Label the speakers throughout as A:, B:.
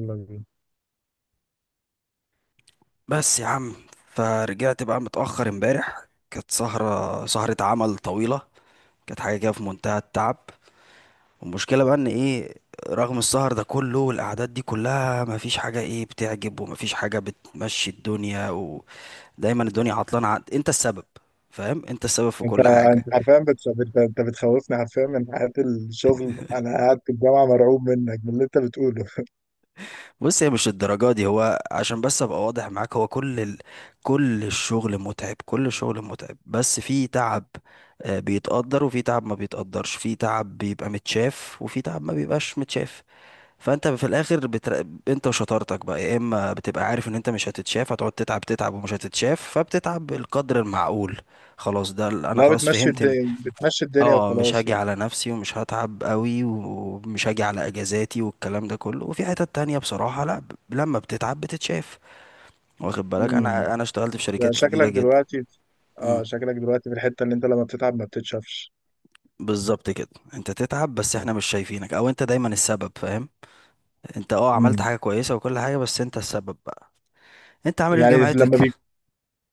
A: يلا بينا.
B: بس يا عم، فرجعت بقى متأخر امبارح، كانت سهرة عمل طويلة. كانت حاجة كده في منتهى التعب. والمشكلة بقى ان ايه، رغم السهر ده كله والأعداد دي كلها مفيش حاجة ايه بتعجب ومفيش حاجة بتمشي الدنيا، ودايما الدنيا عطلانة، انت السبب. فاهم، انت السبب في
A: انت
B: كل حاجة.
A: انت حرفيا انت بتخوفني حرفيا من حياة الشغل. انا قاعد في الجامعة مرعوب منك، من اللي انت بتقوله
B: بص، هي مش الدرجة دي. هو عشان بس ابقى واضح معاك، هو كل الشغل متعب، كل الشغل متعب، بس في تعب. بيتقدر، وفي تعب ما بيتقدرش، في تعب بيبقى متشاف، وفي تعب ما بيبقاش متشاف. فانت في الاخر انت وشطارتك بقى، يا اما بتبقى عارف ان انت مش هتتشاف، هتقعد تتعب تتعب ومش هتتشاف فبتتعب بالقدر المعقول. خلاص، انا
A: لا،
B: خلاص
A: بتمشي
B: فهمت.
A: الدنيا، بتمشي الدنيا
B: اه، مش
A: وخلاص
B: هاجي
A: يعني.
B: على نفسي ومش هتعب قوي ومش هاجي على اجازاتي والكلام ده كله، وفي حتت تانية بصراحة لا، لما بتتعب بتتشاف. واخد بالك،
A: امم
B: انا اشتغلت في شركات كبيرة
A: شكلك
B: جدا.
A: دلوقتي، اه
B: امم.
A: شكلك دلوقتي في الحتة اللي انت لما بتتعب ما بتتشافش.
B: بالظبط كده. انت تتعب بس احنا مش شايفينك، او انت دايما السبب فاهم. انت عملت
A: امم
B: حاجة كويسة وكل حاجة، بس انت السبب بقى. انت عامل ايه في
A: يعني لما
B: جامعتك؟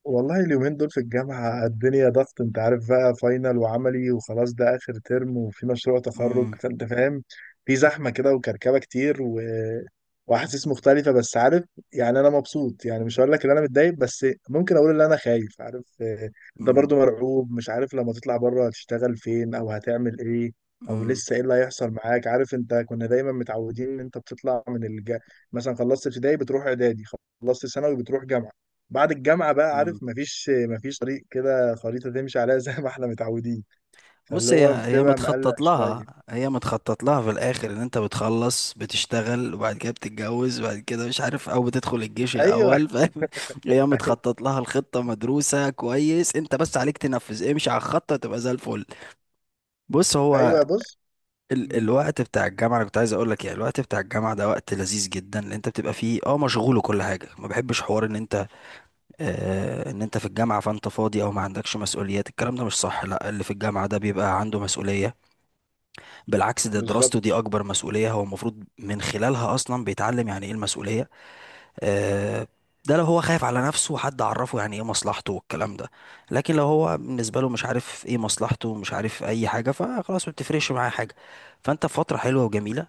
A: والله اليومين دول في الجامعة الدنيا ضغط، انت عارف بقى، فاينل وعملي وخلاص، ده آخر ترم وفي مشروع تخرج،
B: امم،
A: فانت فاهم. في زحمة كده وكركبة كتير وأحاسيس مختلفة بس عارف. يعني أنا مبسوط، يعني مش هقول لك إن أنا متضايق، بس ممكن أقول إن أنا خايف، عارف، أنت
B: امم،
A: برضو مرعوب. مش عارف لما تطلع بره هتشتغل فين أو هتعمل إيه، أو لسه إيه اللي هيحصل معاك، عارف. أنت كنا دايما متعودين إن أنت بتطلع مثلا خلصت ابتدائي بتروح إعدادي، خلصت ثانوي بتروح جامعة. بعد الجامعة بقى عارف،
B: امم.
A: مفيش طريق كده، خريطة تمشي عليها زي ما احنا متعودين. فاللي
B: بص، هي
A: هو
B: هي
A: بتبقى مقلق
B: متخطط
A: شوية.
B: لها هي متخطط لها في الاخر، ان انت بتخلص بتشتغل وبعد كده بتتجوز وبعد كده مش عارف، او بتدخل الجيش
A: ايوه.
B: الاول فاهم هي متخطط لها، الخطة مدروسة كويس، انت بس عليك تنفذ، امشي على الخطة تبقى زي الفل. بص هو،
A: ايوه، بص.
B: ال
A: مم،
B: الوقت بتاع الجامعة، انا كنت عايز اقول لك يعني، الوقت بتاع الجامعة ده وقت لذيذ جدا، اللي انت بتبقى فيه مشغول وكل حاجة. ما بحبش حوار ان انت ان انت في الجامعة فانت فاضي او ما عندكش مسؤوليات، الكلام ده مش صح. لا، اللي في الجامعة ده بيبقى عنده مسؤولية. بالعكس، ده دراسته
A: بالظبط.
B: دي أكبر مسؤولية، هو المفروض من خلالها أصلا بيتعلم يعني إيه المسؤولية. آه، ده لو هو خايف على نفسه حد عرفه يعني إيه مصلحته والكلام ده. لكن لو هو بالنسبة له مش عارف إيه مصلحته، مش عارف أي حاجة، فخلاص ما بتفرقش معاه حاجة. فأنت في فترة حلوة وجميلة.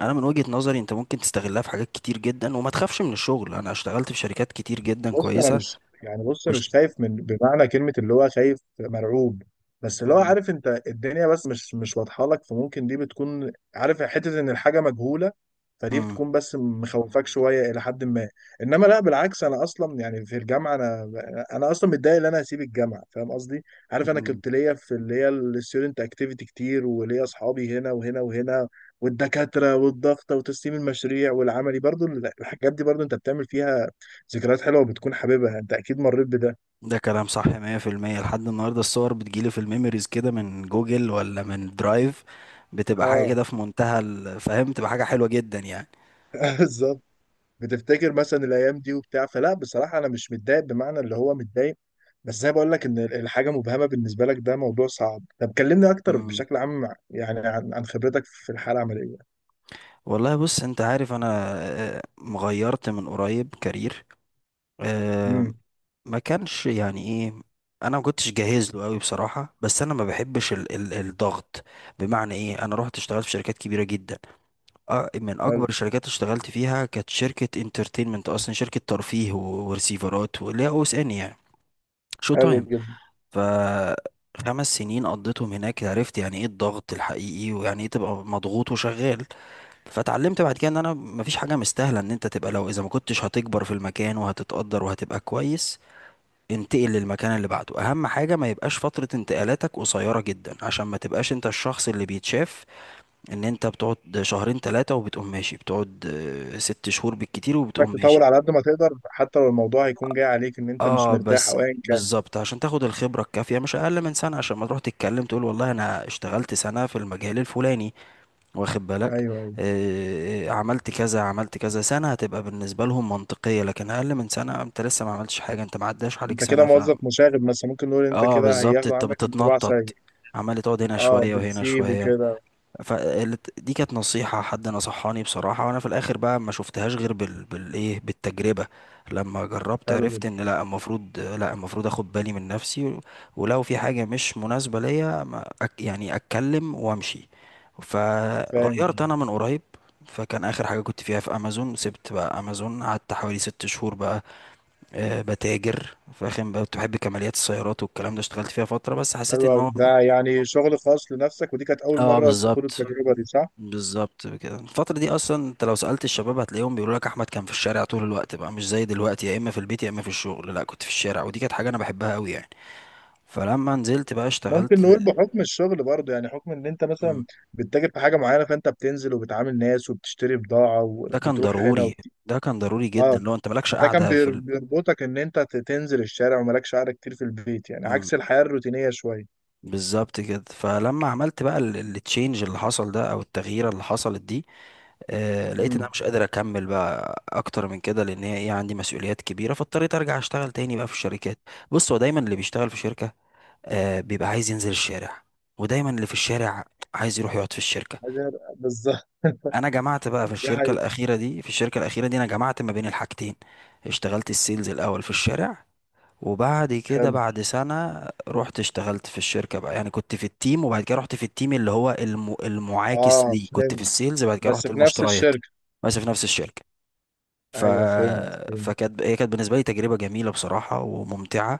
B: أنا من وجهة نظري، أنت ممكن تستغلها في حاجات كتير جدا وما تخافش من الشغل. أنا اشتغلت في شركات كتير جدا
A: بص، انا
B: كويسة
A: مش يعني، بص
B: واشت...
A: مش خايف من بمعنى كلمه اللي هو خايف مرعوب، بس اللي هو،
B: مم.
A: عارف انت الدنيا بس مش واضحه لك، فممكن دي بتكون، عارف، حته ان الحاجه مجهوله. فدي
B: مم.
A: بتكون بس مخوفاك شويه الى حد ما. انما لا، بالعكس، انا اصلا يعني في الجامعه، انا اصلا متضايق ان انا هسيب الجامعه، فاهم قصدي. عارف انا
B: مم.
A: كنت ليا في اللي هي الستودنت اكتيفيتي كتير، وليا اصحابي هنا وهنا وهنا، والدكاتره والضغطه وتسليم المشاريع والعملي برضو. الحاجات دي برضو انت بتعمل فيها ذكريات حلوه، بتكون حاببها، انت اكيد مريت بده.
B: ده كلام صح 100%. لحد النهارده الصور بتجيلي في الميموريز كده من جوجل ولا من درايف. بتبقى حاجة
A: اه.
B: كده في منتهى الفهم، تبقى حاجة حلوة جدا يعني.
A: بالظبط. بتفتكر مثلا الايام دي وبتاع، فلا بصراحه انا مش متضايق بمعنى اللي هو متضايق، بس زي ما بقول لك ان الحاجه مبهمه بالنسبه لك، ده موضوع صعب. طب كلمني اكتر
B: مم.
A: بشكل عام يعني، عن خبرتك في الحاله العمليه.
B: والله، بص انت عارف انا، مغيرت من قريب كارير. آه،
A: امم
B: ما كانش يعني ايه، انا ما كنتش جاهز له قوي بصراحة، بس انا ما بحبش ال ال الضغط. بمعنى ايه، انا رحت اشتغلت في شركات كبيرة جدا. من
A: حلو.
B: اكبر الشركات اشتغلت فيها كانت شركه انترتينمنت، اصلا شركه ترفيه ورسيفرات، واللي هي او اس ان يعني. شو
A: حلو
B: تايم.
A: جدا.
B: ف 5 سنين قضيتهم هناك، عرفت يعني ايه الضغط الحقيقي، ويعني ايه تبقى مضغوط وشغال. فتعلمت بعد كده ان انا مفيش حاجه مستاهله، ان انت تبقى لو اذا ما كنتش هتكبر في المكان وهتتقدر وهتبقى كويس، انتقل للمكان اللي بعده. اهم حاجه ما يبقاش فتره انتقالاتك قصيره جدا عشان ما تبقاش انت الشخص اللي بيتشاف، ان انت بتقعد شهرين ثلاثة وبتقوم ماشي، بتقعد ست شهور بالكتير
A: انك
B: وبتقوم
A: تطور
B: ماشي.
A: على قد ما تقدر حتى لو الموضوع هيكون جاي عليك ان انت مش
B: اه
A: مرتاح
B: بس،
A: او ايا كان.
B: بالظبط عشان تاخد الخبرة الكافية، مش اقل من سنة، عشان ما تروح تتكلم تقول والله انا اشتغلت سنة في المجال الفلاني، واخد بالك،
A: ايوه، ايوه.
B: عملت كذا عملت كذا سنة هتبقى بالنسبة لهم منطقية، لكن اقل من سنة انت لسه ما عملتش حاجة، انت ما عداش عليك
A: انت كده
B: سنة ف.
A: موظف مشاغب، بس ممكن نقول انت
B: اه
A: كده
B: بالظبط،
A: هياخدوا
B: انت
A: عنك انطباع
B: بتتنطط،
A: سيء.
B: عمال تقعد هنا
A: اه،
B: شوية وهنا
A: بتسيب
B: شوية.
A: وكده.
B: فدي كانت نصيحة حد نصحاني بصراحة، وانا في الاخر بقى ما شفتهاش غير بالتجربة. لما جربت
A: حلو
B: عرفت
A: جدا.
B: ان لا المفروض اخد بالي من نفسي ولو في حاجة مش مناسبة ليا، ما أك... يعني اتكلم وامشي. فغيرت
A: فاهم.
B: انا من قريب. فكان اخر حاجة كنت فيها في امازون، سبت بقى امازون، قعدت حوالي 6 شهور بقى. أه، بتاجر فاهم بقى، كنت بحب كماليات السيارات والكلام ده، اشتغلت فيها فترة بس حسيت
A: حلو
B: ان
A: أوي،
B: هو،
A: ده يعني شغل خاص لنفسك، ودي كانت أول
B: اه
A: مرة تخوض
B: بالظبط.
A: التجربة دي، صح؟
B: بالظبط كده، الفترة دي أصلا أنت لو سألت الشباب هتلاقيهم بيقولوا لك أحمد كان في الشارع طول الوقت بقى، مش زي دلوقتي يا إما في البيت يا إما في الشغل، لا كنت في الشارع، ودي كانت حاجة أنا بحبها أوي يعني. فلما نزلت بقى
A: ممكن
B: اشتغلت.
A: نقول بحكم الشغل برضه، يعني حكم إن أنت
B: مم.
A: مثلا بتتاجر في حاجة معينة، فأنت بتنزل وبتعامل ناس وبتشتري بضاعة
B: ده كان
A: وبتروح هنا
B: ضروري ده كان ضروري جدا،
A: آه.
B: لو أنت مالكش
A: فده كان
B: قاعدة في
A: بيربطك إن أنت تنزل الشارع ومالكش قعدة كتير في البيت، يعني
B: مم.
A: عكس الحياة الروتينية شوية.
B: بالظبط كده، فلما عملت بقى التشينج اللي حصل ده أو التغيير اللي حصلت دي، لقيت ان انا
A: امم
B: مش قادر اكمل بقى اكتر من كده، لان هي ايه عندي مسؤوليات كبيره، فاضطريت ارجع اشتغل تاني بقى في الشركات. بص، هو دايما اللي بيشتغل في شركه بيبقى عايز ينزل الشارع، ودايما اللي في الشارع عايز يروح يقعد في الشركة.
A: بالظبط.
B: انا جمعت بقى في
A: دي
B: الشركة
A: حقيقة.
B: الأخيرة دي في الشركة الأخيرة دي انا جمعت ما بين الحاجتين. اشتغلت السيلز الأول في الشارع، وبعد كده
A: حلو.
B: بعد سنة رحت اشتغلت في الشركة بقى، يعني كنت في التيم، وبعد كده رحت في التيم اللي هو المعاكس
A: آه،
B: ليه، كنت في
A: فهمت.
B: السيلز بعد كده
A: بس
B: رحت
A: في نفس
B: المشتريات.
A: الشركة.
B: بس في نفس الشركة. ف...
A: أيوه، فهمت، فهمت.
B: فكانت هي كانت بالنسبة لي تجربة جميلة بصراحة وممتعة،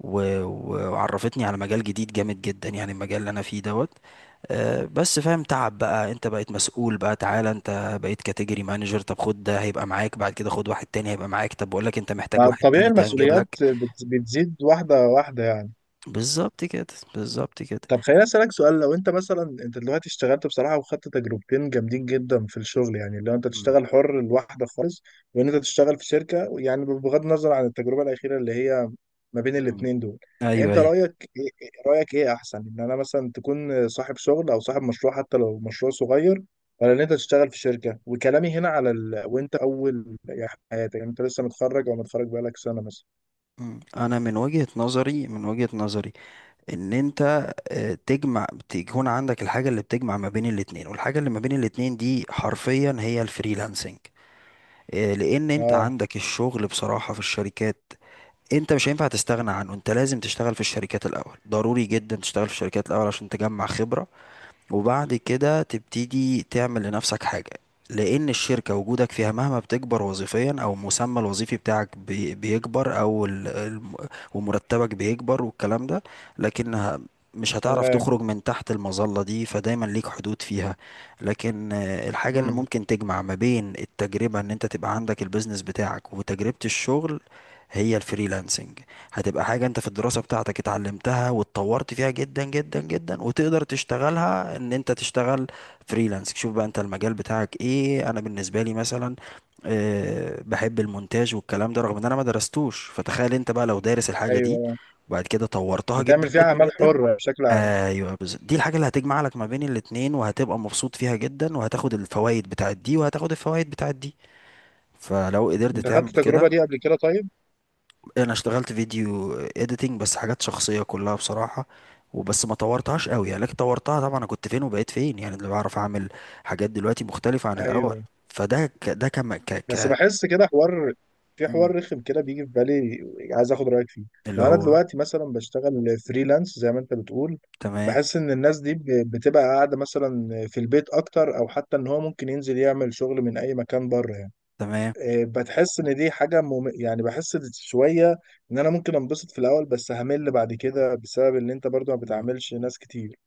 B: وعرفتني على مجال جديد جامد جدا، يعني المجال اللي انا فيه دوت. أه بس فاهم، تعب بقى، انت بقيت مسؤول بقى، تعالى انت بقيت كاتيجوري مانجر، طب خد ده هيبقى معاك، بعد كده خد واحد تاني هيبقى معاك، طب بقول لك انت محتاج واحد
A: طبيعي
B: تالت هنجيب
A: المسؤوليات
B: لك.
A: بتزيد واحدة واحدة يعني.
B: بالظبط كده، بالظبط كده.
A: طب خليني اسالك سؤال، لو انت مثلا، انت دلوقتي اشتغلت بصراحه وخدت تجربتين جامدين جدا في الشغل، يعني لو انت
B: مم.
A: تشتغل حر لوحدك خالص، وان انت تشتغل في شركه، يعني بغض النظر عن التجربه الاخيره اللي هي ما بين
B: مم.
A: الاثنين دول،
B: ايوه،
A: انت
B: ايوه.
A: رايك ايه، رايك ايه احسن، ان انا مثلا تكون صاحب شغل او صاحب مشروع حتى لو مشروع صغير، ولا ان انت تشتغل في شركه؟ وكلامي هنا على وانت اول يعني حياتك، يعني انت لسه متخرج او متخرج بقالك سنه مثلا.
B: مم. انا من وجهة نظري ان انت تجمع، تكون عندك الحاجة اللي بتجمع ما بين الاتنين، والحاجة اللي ما بين الاتنين دي حرفيا هي الفريلانسنج. لان انت
A: اه.
B: عندك الشغل بصراحة في الشركات، انت مش هينفع تستغنى عنه. انت لازم تشتغل في الشركات الاول، ضروري جدا تشتغل في الشركات الاول عشان تجمع خبرة، وبعد كده تبتدي تعمل لنفسك حاجة. لأن الشركة، وجودك فيها مهما بتكبر وظيفيا أو المسمى الوظيفي بتاعك بيكبر، أو ومرتبك بيكبر والكلام ده، لكن مش هتعرف
A: تمام.
B: تخرج من تحت المظلة دي، فدايما ليك حدود فيها. لكن الحاجة اللي
A: امم
B: ممكن تجمع ما بين التجربة، ان انت تبقى عندك البيزنس بتاعك وتجربة الشغل، هي الفريلانسنج. هتبقى حاجة انت في الدراسة بتاعتك اتعلمتها واتطورت فيها جدا جدا جدا، وتقدر تشتغلها ان انت تشتغل فريلانس. شوف بقى انت المجال بتاعك ايه، انا بالنسبة لي مثلا بحب المونتاج والكلام ده، رغم ان انا ما درستوش، فتخيل انت بقى لو دارس الحاجة دي
A: ايوه.
B: وبعد كده طورتها
A: بتعمل
B: جدا
A: فيها
B: جدا
A: اعمال
B: جدا.
A: حره بشكل.
B: ايوه، بالظبط، دي الحاجة اللي هتجمع لك ما بين الاتنين، وهتبقى مبسوط فيها جدا، وهتاخد الفوائد بتاعت دي وهتاخد الفوائد بتاعت دي. فلو قدرت
A: انت خدت
B: تعمل
A: التجربه
B: كده.
A: دي قبل كده طيب؟
B: انا اشتغلت فيديو اديتنج بس حاجات شخصيه كلها بصراحه، وبس ما طورتهاش قوي يعني، لكن طورتها طبعا، انا كنت فين وبقيت فين، يعني اللي بعرف اعمل حاجات دلوقتي مختلفه عن الاول.
A: ايوه.
B: فده ك... ده كم ك...
A: بس
B: ك...
A: بحس كده حوار، في
B: مم.
A: حوار رخم كده بيجي في بالي، عايز اخد رايك فيه.
B: اللي
A: لو انا
B: هو.
A: دلوقتي مثلا بشتغل فريلانس زي ما انت بتقول،
B: تمام،
A: بحس ان الناس دي بتبقى قاعده مثلا في البيت اكتر، او حتى ان هو ممكن ينزل يعمل شغل من اي مكان بره يعني.
B: تمام.
A: بتحس ان دي حاجه يعني بحس شويه ان انا ممكن انبسط في الاول، بس همل بعد كده، بسبب ان انت برضو ما
B: مم.
A: بتعملش ناس كتير.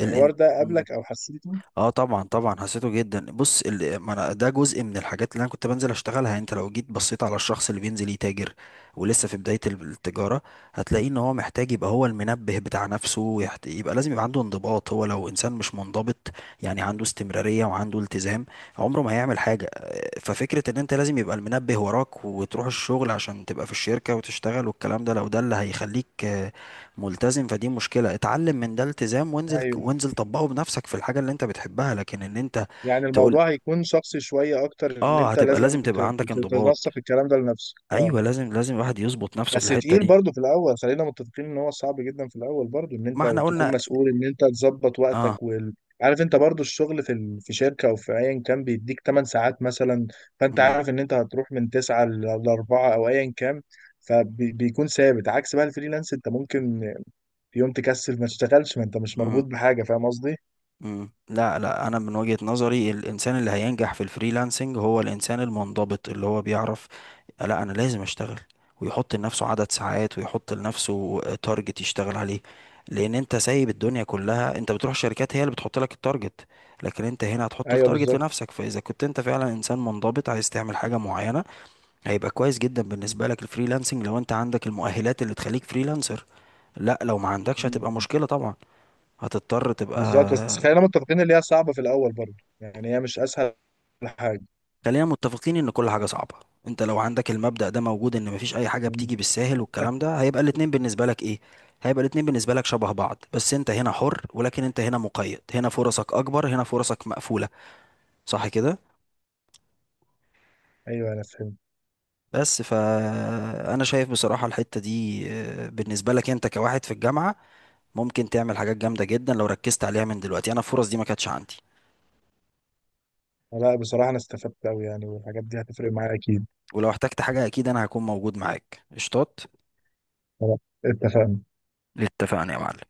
B: الان...
A: الحوار ده قابلك او حسيته؟
B: اه، طبعا طبعا حسيته جدا. بص ما أنا ده جزء من الحاجات اللي انا كنت بنزل اشتغلها، يعني انت لو جيت بصيت على الشخص اللي بينزل يتاجر ولسه في بداية التجارة، هتلاقيه ان هو محتاج يبقى هو المنبه بتاع نفسه، يبقى لازم يبقى عنده انضباط، هو لو انسان مش منضبط، يعني عنده استمرارية وعنده التزام، عمره ما هيعمل حاجة. ففكرة ان انت لازم يبقى المنبه وراك وتروح الشغل عشان تبقى في الشركة وتشتغل والكلام ده، لو ده اللي هيخليك ملتزم فدي مشكلة. اتعلم من ده التزام، وانزل، وانزل طبقه بنفسك في الحاجة اللي انت بتحبها، لكن ان انت
A: يعني
B: تقول،
A: الموضوع هيكون شخصي شوية أكتر، إن
B: اه،
A: أنت
B: هتبقى
A: لازم
B: لازم تبقى عندك انضباط.
A: تنسق الكلام ده لنفسك. أه.
B: ايوه، لازم لازم الواحد يظبط نفسه في
A: بس
B: الحتة
A: تقيل
B: دي.
A: برضه في الأول، خلينا متفقين إن هو صعب جدا في الأول برضه، إن
B: ما
A: أنت
B: احنا
A: تكون
B: قلنا.
A: مسؤول إن أنت تظبط
B: اه.
A: وقتك عارف. أنت برضه الشغل في في شركة أو في أيا كان بيديك 8 ساعات مثلا، فأنت
B: مم.
A: عارف إن أنت هتروح من 9 ل 4 أو أيا كان، فبيكون ثابت، عكس بقى الفريلانس. أنت ممكن في يوم تكسل ما تشتغلش، ما أنت مش مربوط
B: مم.
A: بحاجة، فاهم قصدي؟
B: مم. لا، لا، انا من وجهة نظري الانسان اللي هينجح في الفريلانسنج هو الانسان المنضبط، اللي هو بيعرف لا انا لازم اشتغل، ويحط لنفسه عدد ساعات ويحط لنفسه تارجت يشتغل عليه. لان انت سايب الدنيا كلها، انت بتروح شركات هي اللي بتحط لك التارجت، لكن انت هنا هتحط
A: أيوه.
B: التارجت لنفسك. فاذا كنت انت فعلا انسان منضبط عايز تعمل حاجة معينة، هيبقى كويس جدا بالنسبة لك الفريلانسنج، لو انت عندك المؤهلات اللي تخليك فريلانسر. لا، لو ما عندكش هتبقى
A: بالظبط.
B: مشكلة طبعا، هتضطر تبقى.
A: بالظبط، بس خلينا متفقين اللي هي صعبة في الأول برضه، يعني هي مش أسهل حاجة.
B: خلينا متفقين ان كل حاجة صعبة. انت لو عندك المبدأ ده موجود، ان مفيش اي حاجة
A: مم.
B: بتيجي بالساهل والكلام ده، هيبقى الاتنين بالنسبة لك ايه، هيبقى الاتنين بالنسبة لك شبه بعض، بس انت هنا حر ولكن انت هنا مقيد، هنا فرصك اكبر، هنا فرصك مقفولة. صح كده؟
A: أيوه، أنا فهمت.
B: بس فانا شايف بصراحة الحتة دي بالنسبة لك انت كواحد في الجامعة، ممكن تعمل حاجات جامدة جدا لو ركزت عليها من دلوقتي. انا الفرص دي ما كانتش عندي.
A: لا، بصراحة أنا استفدت أوي يعني، والحاجات دي هتفرق معايا أكيد.
B: ولو احتجت حاجة اكيد انا هكون موجود معاك، قشطات.
A: خلاص، اتفقنا.
B: اتفقنا يا معلم.